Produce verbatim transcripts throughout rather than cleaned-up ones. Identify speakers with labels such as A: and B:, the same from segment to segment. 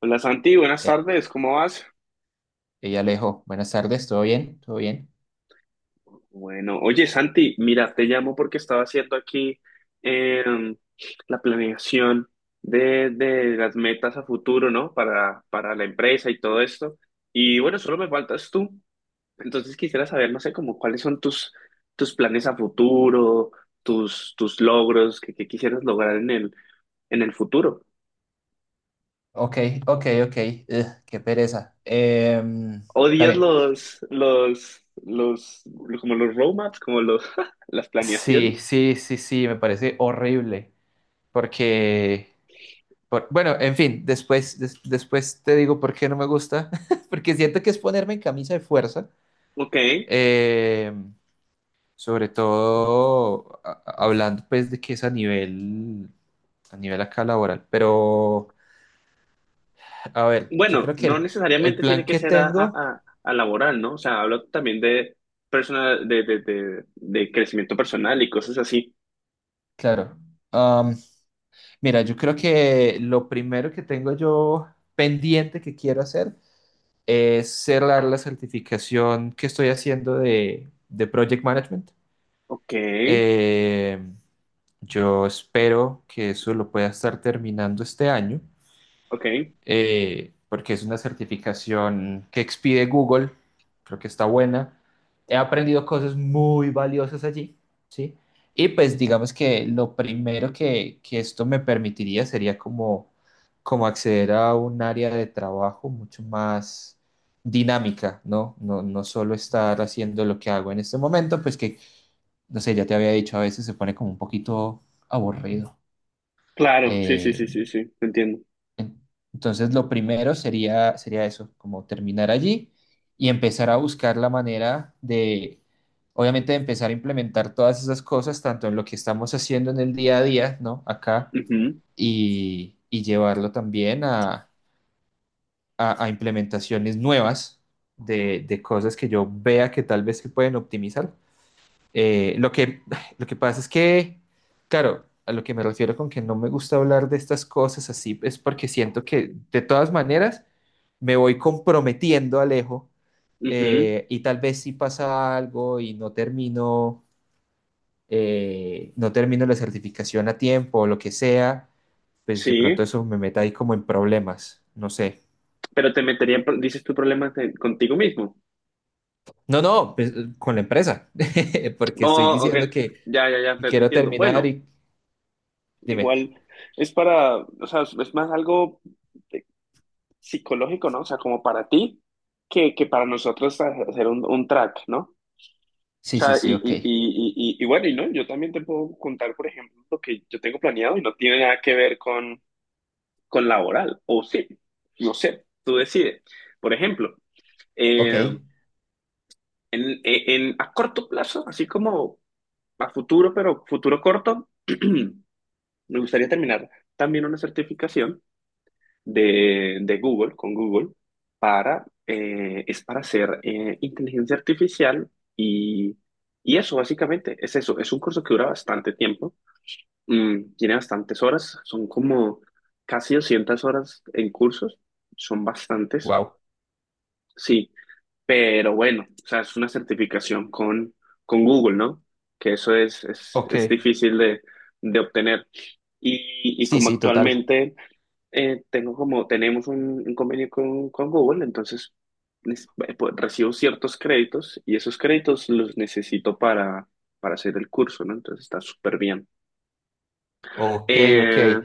A: Hola Santi, buenas
B: Ya,
A: tardes, ¿cómo vas?
B: ella Alejo, buenas tardes, ¿todo bien? ¿Todo bien?
A: Bueno, oye Santi, mira, te llamo porque estaba haciendo aquí em, la planeación de, de las metas a futuro, ¿no? Para, para la empresa y todo esto. Y bueno, solo me faltas tú. Entonces quisiera saber, no sé, como cuáles son tus, tus planes a futuro, tus, tus logros que, que quisieras lograr en el, en el futuro.
B: Ok, ok, ok. Ugh, qué pereza. Em, está
A: ¿Odias
B: bien.
A: los, los, los, como los roadmaps, como los, las planeaciones?
B: Sí, sí, sí, sí, me parece horrible, porque, por- bueno, en fin, después, des- después te digo por qué no me gusta, porque siento que es ponerme en camisa de fuerza.
A: Ok.
B: Eh, Sobre todo a- a- hablando pues de que es a nivel, a nivel acá laboral. Pero, a ver, yo
A: Bueno,
B: creo que
A: no
B: el, el
A: necesariamente tiene
B: plan
A: que
B: que
A: ser a, a-
B: tengo,
A: a- a laboral, ¿no? O sea, hablo también de personal, de, de, de, de crecimiento personal y cosas así.
B: claro. am, Mira, yo creo que lo primero que tengo yo pendiente que quiero hacer es cerrar la certificación que estoy haciendo de, de Project Management.
A: Ok,
B: Eh, yo espero que eso lo pueda estar terminando este año.
A: ok.
B: Eh, porque es una certificación que expide Google, creo que está buena. He aprendido cosas muy valiosas allí, ¿sí? Y pues digamos que lo primero que, que esto me permitiría sería como, como acceder a un área de trabajo mucho más dinámica, ¿no? No, no solo estar haciendo lo que hago en este momento, pues que no sé, ya te había dicho, a veces se pone como un poquito aburrido.
A: Claro, sí, sí,
B: Eh,
A: sí, sí, sí, entiendo.
B: en- Entonces, lo primero sería, sería eso, como terminar allí y empezar a buscar la manera de, obviamente, de empezar a implementar todas esas cosas, tanto en lo que estamos haciendo en el día a día, ¿no? Acá,
A: Ujú,
B: y, y llevarlo también a, a- a implementaciones nuevas de, de cosas que yo vea que tal vez se pueden optimizar. Eh, lo que, lo que pasa es que... Claro, a lo que me refiero con que no me gusta hablar de estas cosas así es porque siento que de todas maneras me voy comprometiendo, Alejo.
A: ujú.
B: Eh, y tal vez si pasa algo y no termino, eh, no termino la certificación a tiempo o lo que sea, pues de
A: Sí,
B: pronto eso me meta ahí como en problemas, no sé.
A: pero te metería, en pro- dices tu problema contigo mismo.
B: No, no, pues, con la empresa, porque estoy
A: Oh, ok,
B: diciendo que
A: ya, ya, ya, ya te
B: quiero
A: entiendo.
B: terminar
A: Bueno,
B: y dime.
A: igual es para, o sea, es más algo eh, psicológico, ¿no? O sea, como para ti que, que para nosotros hacer un, un track, ¿no? O
B: Sí, sí,
A: sea, y,
B: sí, ok,
A: y, y, y, y y bueno, y no, yo también te puedo contar, por ejemplo, lo que yo tengo planeado y no tiene nada que ver con, con laboral, o sí, no sé, tú decides. Por ejemplo, eh,
B: ok,
A: en, en, a corto plazo, así como a futuro, pero futuro corto, me gustaría terminar también una certificación de, de Google, con Google, para, eh, es para hacer eh, inteligencia artificial y, y eso básicamente es eso, es un curso que dura bastante tiempo, mm, tiene bastantes horas, son como casi doscientas horas en cursos, son bastantes,
B: wow,
A: sí, pero bueno, o sea, es una certificación con, con Google, ¿no? Que eso es, es,
B: ok,
A: es difícil de, de obtener. Y, y
B: sí,
A: como
B: sí, total,
A: actualmente eh, tengo como, tenemos un, un convenio con, con Google, entonces nes- eh, pues, recibo ciertos créditos y esos créditos los necesito para, para hacer el curso, ¿no? Entonces está súper bien.
B: ok, ok,
A: Eh,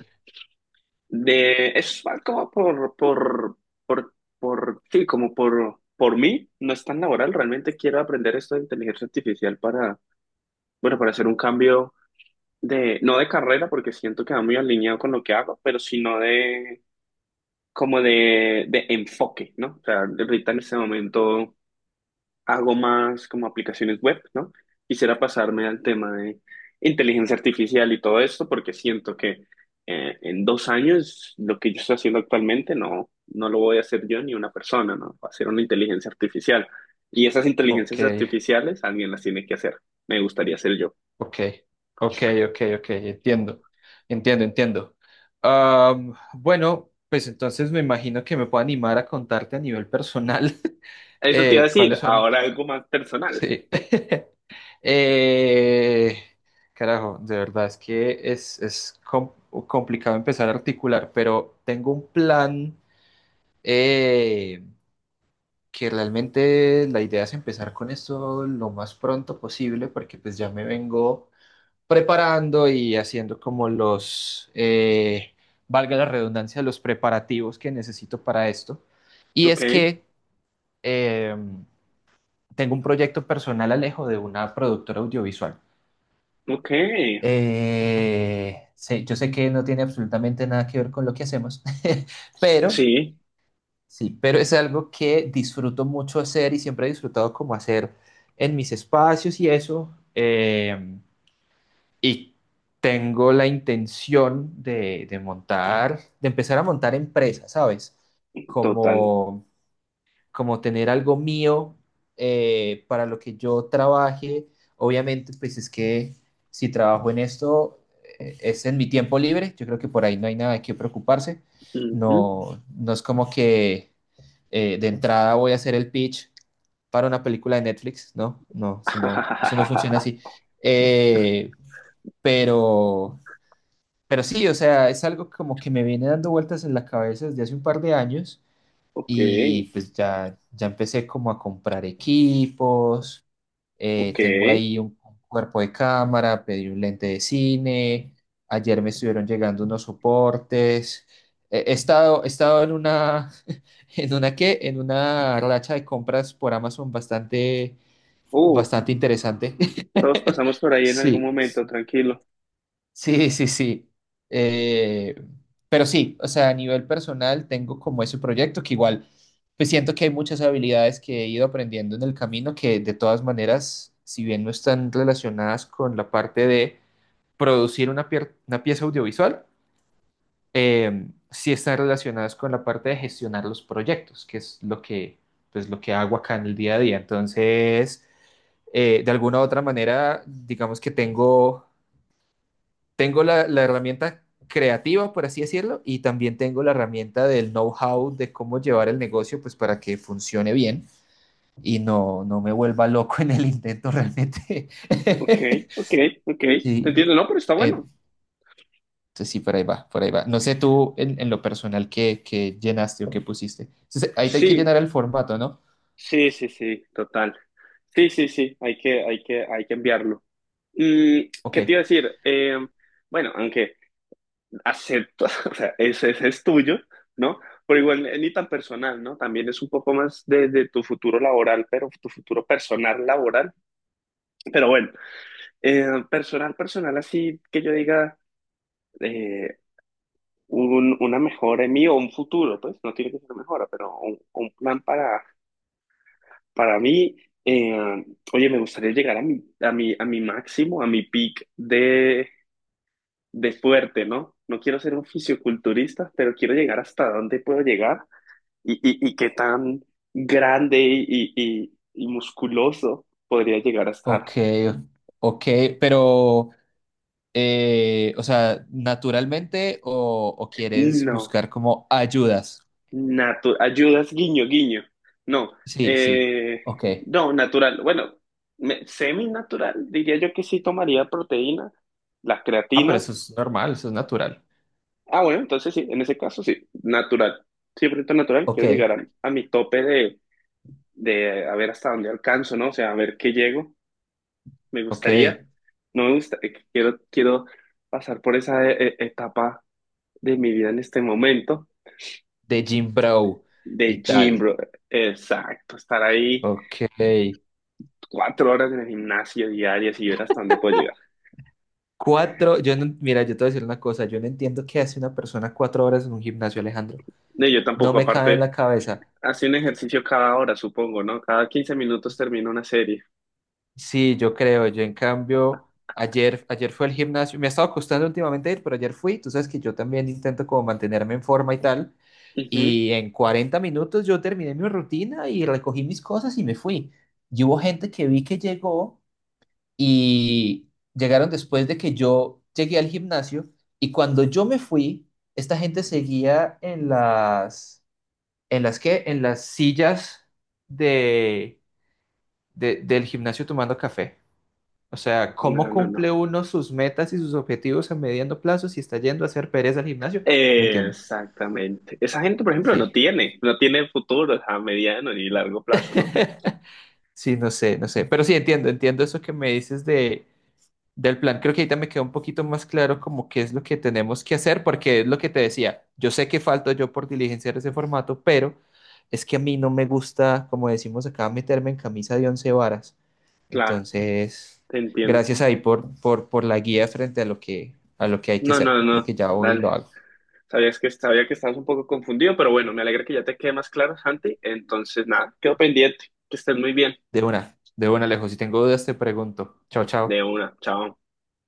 A: de, es más como por, por, por, por, sí, como por, por mí, no es tan laboral, realmente quiero aprender esto de inteligencia artificial para, bueno, para hacer un cambio de, no de carrera, porque siento que va muy alineado con lo que hago, pero sino de como de, de enfoque, ¿no? O sea, ahorita en este momento hago más como aplicaciones web, ¿no? Quisiera pasarme al tema de inteligencia artificial y todo esto porque siento que eh, en dos años lo que yo estoy haciendo actualmente no, no lo voy a hacer yo ni una persona, ¿no? Va a ser una inteligencia artificial. Y esas
B: ok.
A: inteligencias artificiales alguien las tiene que hacer. Me gustaría ser yo.
B: Ok, ok, ok, ok, entiendo, entiendo, entiendo. Am, bueno, pues entonces me imagino que me puedo animar a contarte a nivel personal,
A: Eso te iba a
B: eh,
A: decir,
B: cuáles son.
A: ahora algo más personal.
B: Sí. Eh, carajo, de verdad es que es, es com- complicado empezar a articular, pero tengo un plan, eh, que realmente la idea es empezar con esto lo más pronto posible, porque pues ya me vengo preparando y haciendo como los, eh, valga la redundancia, los preparativos que necesito para esto. Y
A: Ok,
B: es que eh, tengo un proyecto personal, Alejo, de una productora audiovisual.
A: ok,
B: Eh, sé- yo sé que no tiene absolutamente nada que ver con lo que hacemos, pero
A: sí,
B: sí, pero es algo que disfruto mucho hacer y siempre he disfrutado como hacer en mis espacios y eso. Eh, Y tengo la intención de, de montar, de empezar a montar empresas, ¿sabes?
A: total.
B: Como, como tener algo mío eh, para lo que yo trabaje. Obviamente, pues es que si trabajo en esto, eh, es en mi tiempo libre. Yo creo que por ahí no hay nada de qué preocuparse.
A: Ujú.
B: No, no es como que eh, de entrada voy a hacer el pitch para una película de Netflix, ¿no? No, eso no, eso no funciona así. Eh, pero pero sí, o sea, es algo como que me viene dando vueltas en la cabeza desde hace un par de años
A: Ok,
B: y pues ya, ya empecé como a comprar equipos, eh,
A: ok.
B: tengo ahí un, un cuerpo de cámara, pedí un lente de cine, ayer me estuvieron llegando unos soportes. eh, he estado, he estado en una, en una qué, en una racha de compras por Amazon bastante,
A: Uh,
B: bastante interesante.
A: todos pasamos por ahí en algún
B: Sí.
A: momento, tranquilo.
B: Sí, sí, sí. Eh, pero sí, o sea, a nivel personal tengo como ese proyecto que igual, pues siento que hay muchas habilidades que he ido aprendiendo en el camino que de todas maneras, si bien no están relacionadas con la parte de producir una, pier- una pieza audiovisual, eh, sí están relacionadas con la parte de gestionar los proyectos, que es lo que, pues, lo que hago acá en el día a día. Entonces, eh, de alguna u otra manera, digamos que tengo tengo la, la herramienta creativa, por así decirlo, y también tengo la herramienta del know-how de cómo llevar el negocio, pues para que funcione bien y no, no me vuelva loco en el intento realmente.
A: Ok, ok, ok. Te
B: Sí,
A: entiendo, no, pero está
B: eh,
A: bueno.
B: entonces sí, por ahí va, por ahí va. No sé tú en, en lo personal qué, qué llenaste o qué pusiste. Entonces, ahí te hay que
A: Sí,
B: llenar el formato, ¿no?
A: sí, sí, sí, total. Sí, sí, sí, hay que, hay que, hay que enviarlo. Mm, ¿qué te iba
B: Ok,
A: a decir? Eh, bueno, aunque acepto, o sea, ese, ese es tuyo, ¿no? Pero igual eh, ni tan personal, ¿no? También es un poco más de, de tu futuro laboral, pero tu futuro personal laboral. Pero bueno. Eh, personal, personal, así que yo diga eh, un- una mejora en mí o un futuro, pues no tiene que ser mejora, pero un, un plan para, para mí. Eh, oye, me gustaría llegar a mi, a mi, a mi máximo, a mi peak de, de fuerte, ¿no? No quiero ser un fisioculturista, pero quiero llegar hasta dónde puedo llegar y, y, y qué tan grande y, y, y y musculoso podría llegar a estar.
B: ok, ok, pero, eh, o sea, naturalmente o, o quieres
A: No.
B: buscar como ayudas.
A: Natu- ayudas, guiño, guiño. No,
B: Sí, sí.
A: eh,
B: Ok.
A: no, natural. Bueno, me- seminatural, diría yo que sí tomaría proteína, la
B: Ah, pero
A: creatina.
B: eso es normal, eso es natural.
A: Ah, bueno, entonces sí, en ese caso sí, natural. cien por ciento natural,
B: Ok.
A: quiero llegar a, a mi tope de, de a ver hasta dónde alcanzo, ¿no? O sea, a ver qué llego, me
B: Ok,
A: gustaría. No me gusta, eh, quiero, quiero pasar por esa eh, eh, etapa de mi vida en este momento,
B: de Jim Brow y
A: de gym,
B: tal.
A: bro. Exacto, estar ahí
B: Ok.
A: cuatro horas en el gimnasio diarias y ver hasta dónde puedo llegar.
B: Cuatro, yo no, mira, yo te voy a decir una cosa, yo no entiendo qué hace una persona cuatro horas en un gimnasio, Alejandro.
A: No, yo
B: No
A: tampoco,
B: me cabe en
A: aparte,
B: la cabeza.
A: hace un ejercicio cada hora, supongo, ¿no? Cada quince minutos termino una serie.
B: Sí, yo creo. Yo, en cambio, ayer, ayer fue al gimnasio. Me ha estado costando últimamente ir, pero ayer fui. Tú sabes que yo también intento como mantenerme en forma y tal.
A: Ujú.
B: Y en cuarenta minutos yo terminé mi rutina y recogí mis cosas y me fui. Y hubo gente que vi que llegó y llegaron después de que yo llegué al gimnasio. Y cuando yo me fui, esta gente seguía en las, ¿en las qué? En las sillas de, de- del gimnasio tomando café. O sea, ¿cómo
A: No, no, no.
B: cumple uno sus metas y sus objetivos a mediano plazo si está yendo a hacer pereza al gimnasio? No entiendo.
A: Exactamente. Esa gente, por ejemplo, no
B: Sí.
A: tiene, no tiene futuro a mediano ni largo plazo, ¿no?
B: Sí, no sé, no sé. Pero sí entiendo, entiendo eso que me dices de, del plan. Creo que ahorita me queda un poquito más claro como qué es lo que tenemos que hacer, porque es lo que te decía. Yo sé que falto yo por diligenciar ese formato, pero es que a mí no me gusta, como decimos acá, meterme en camisa de once varas.
A: Claro,
B: Entonces,
A: te entiendo.
B: gracias ahí por, por, por la guía frente a lo que, a lo que hay que
A: No,
B: hacer.
A: no,
B: Creo
A: no.
B: que ya hoy lo
A: Dale.
B: hago.
A: Sabías que sabía que estabas un poco confundido, pero bueno, me alegra que ya te quede más claro, Santi. Entonces, nada, quedo pendiente. Que estés muy bien.
B: De una, de una, Alejo. Si tengo dudas, te pregunto. Chao,
A: De
B: chao.
A: una. Chao.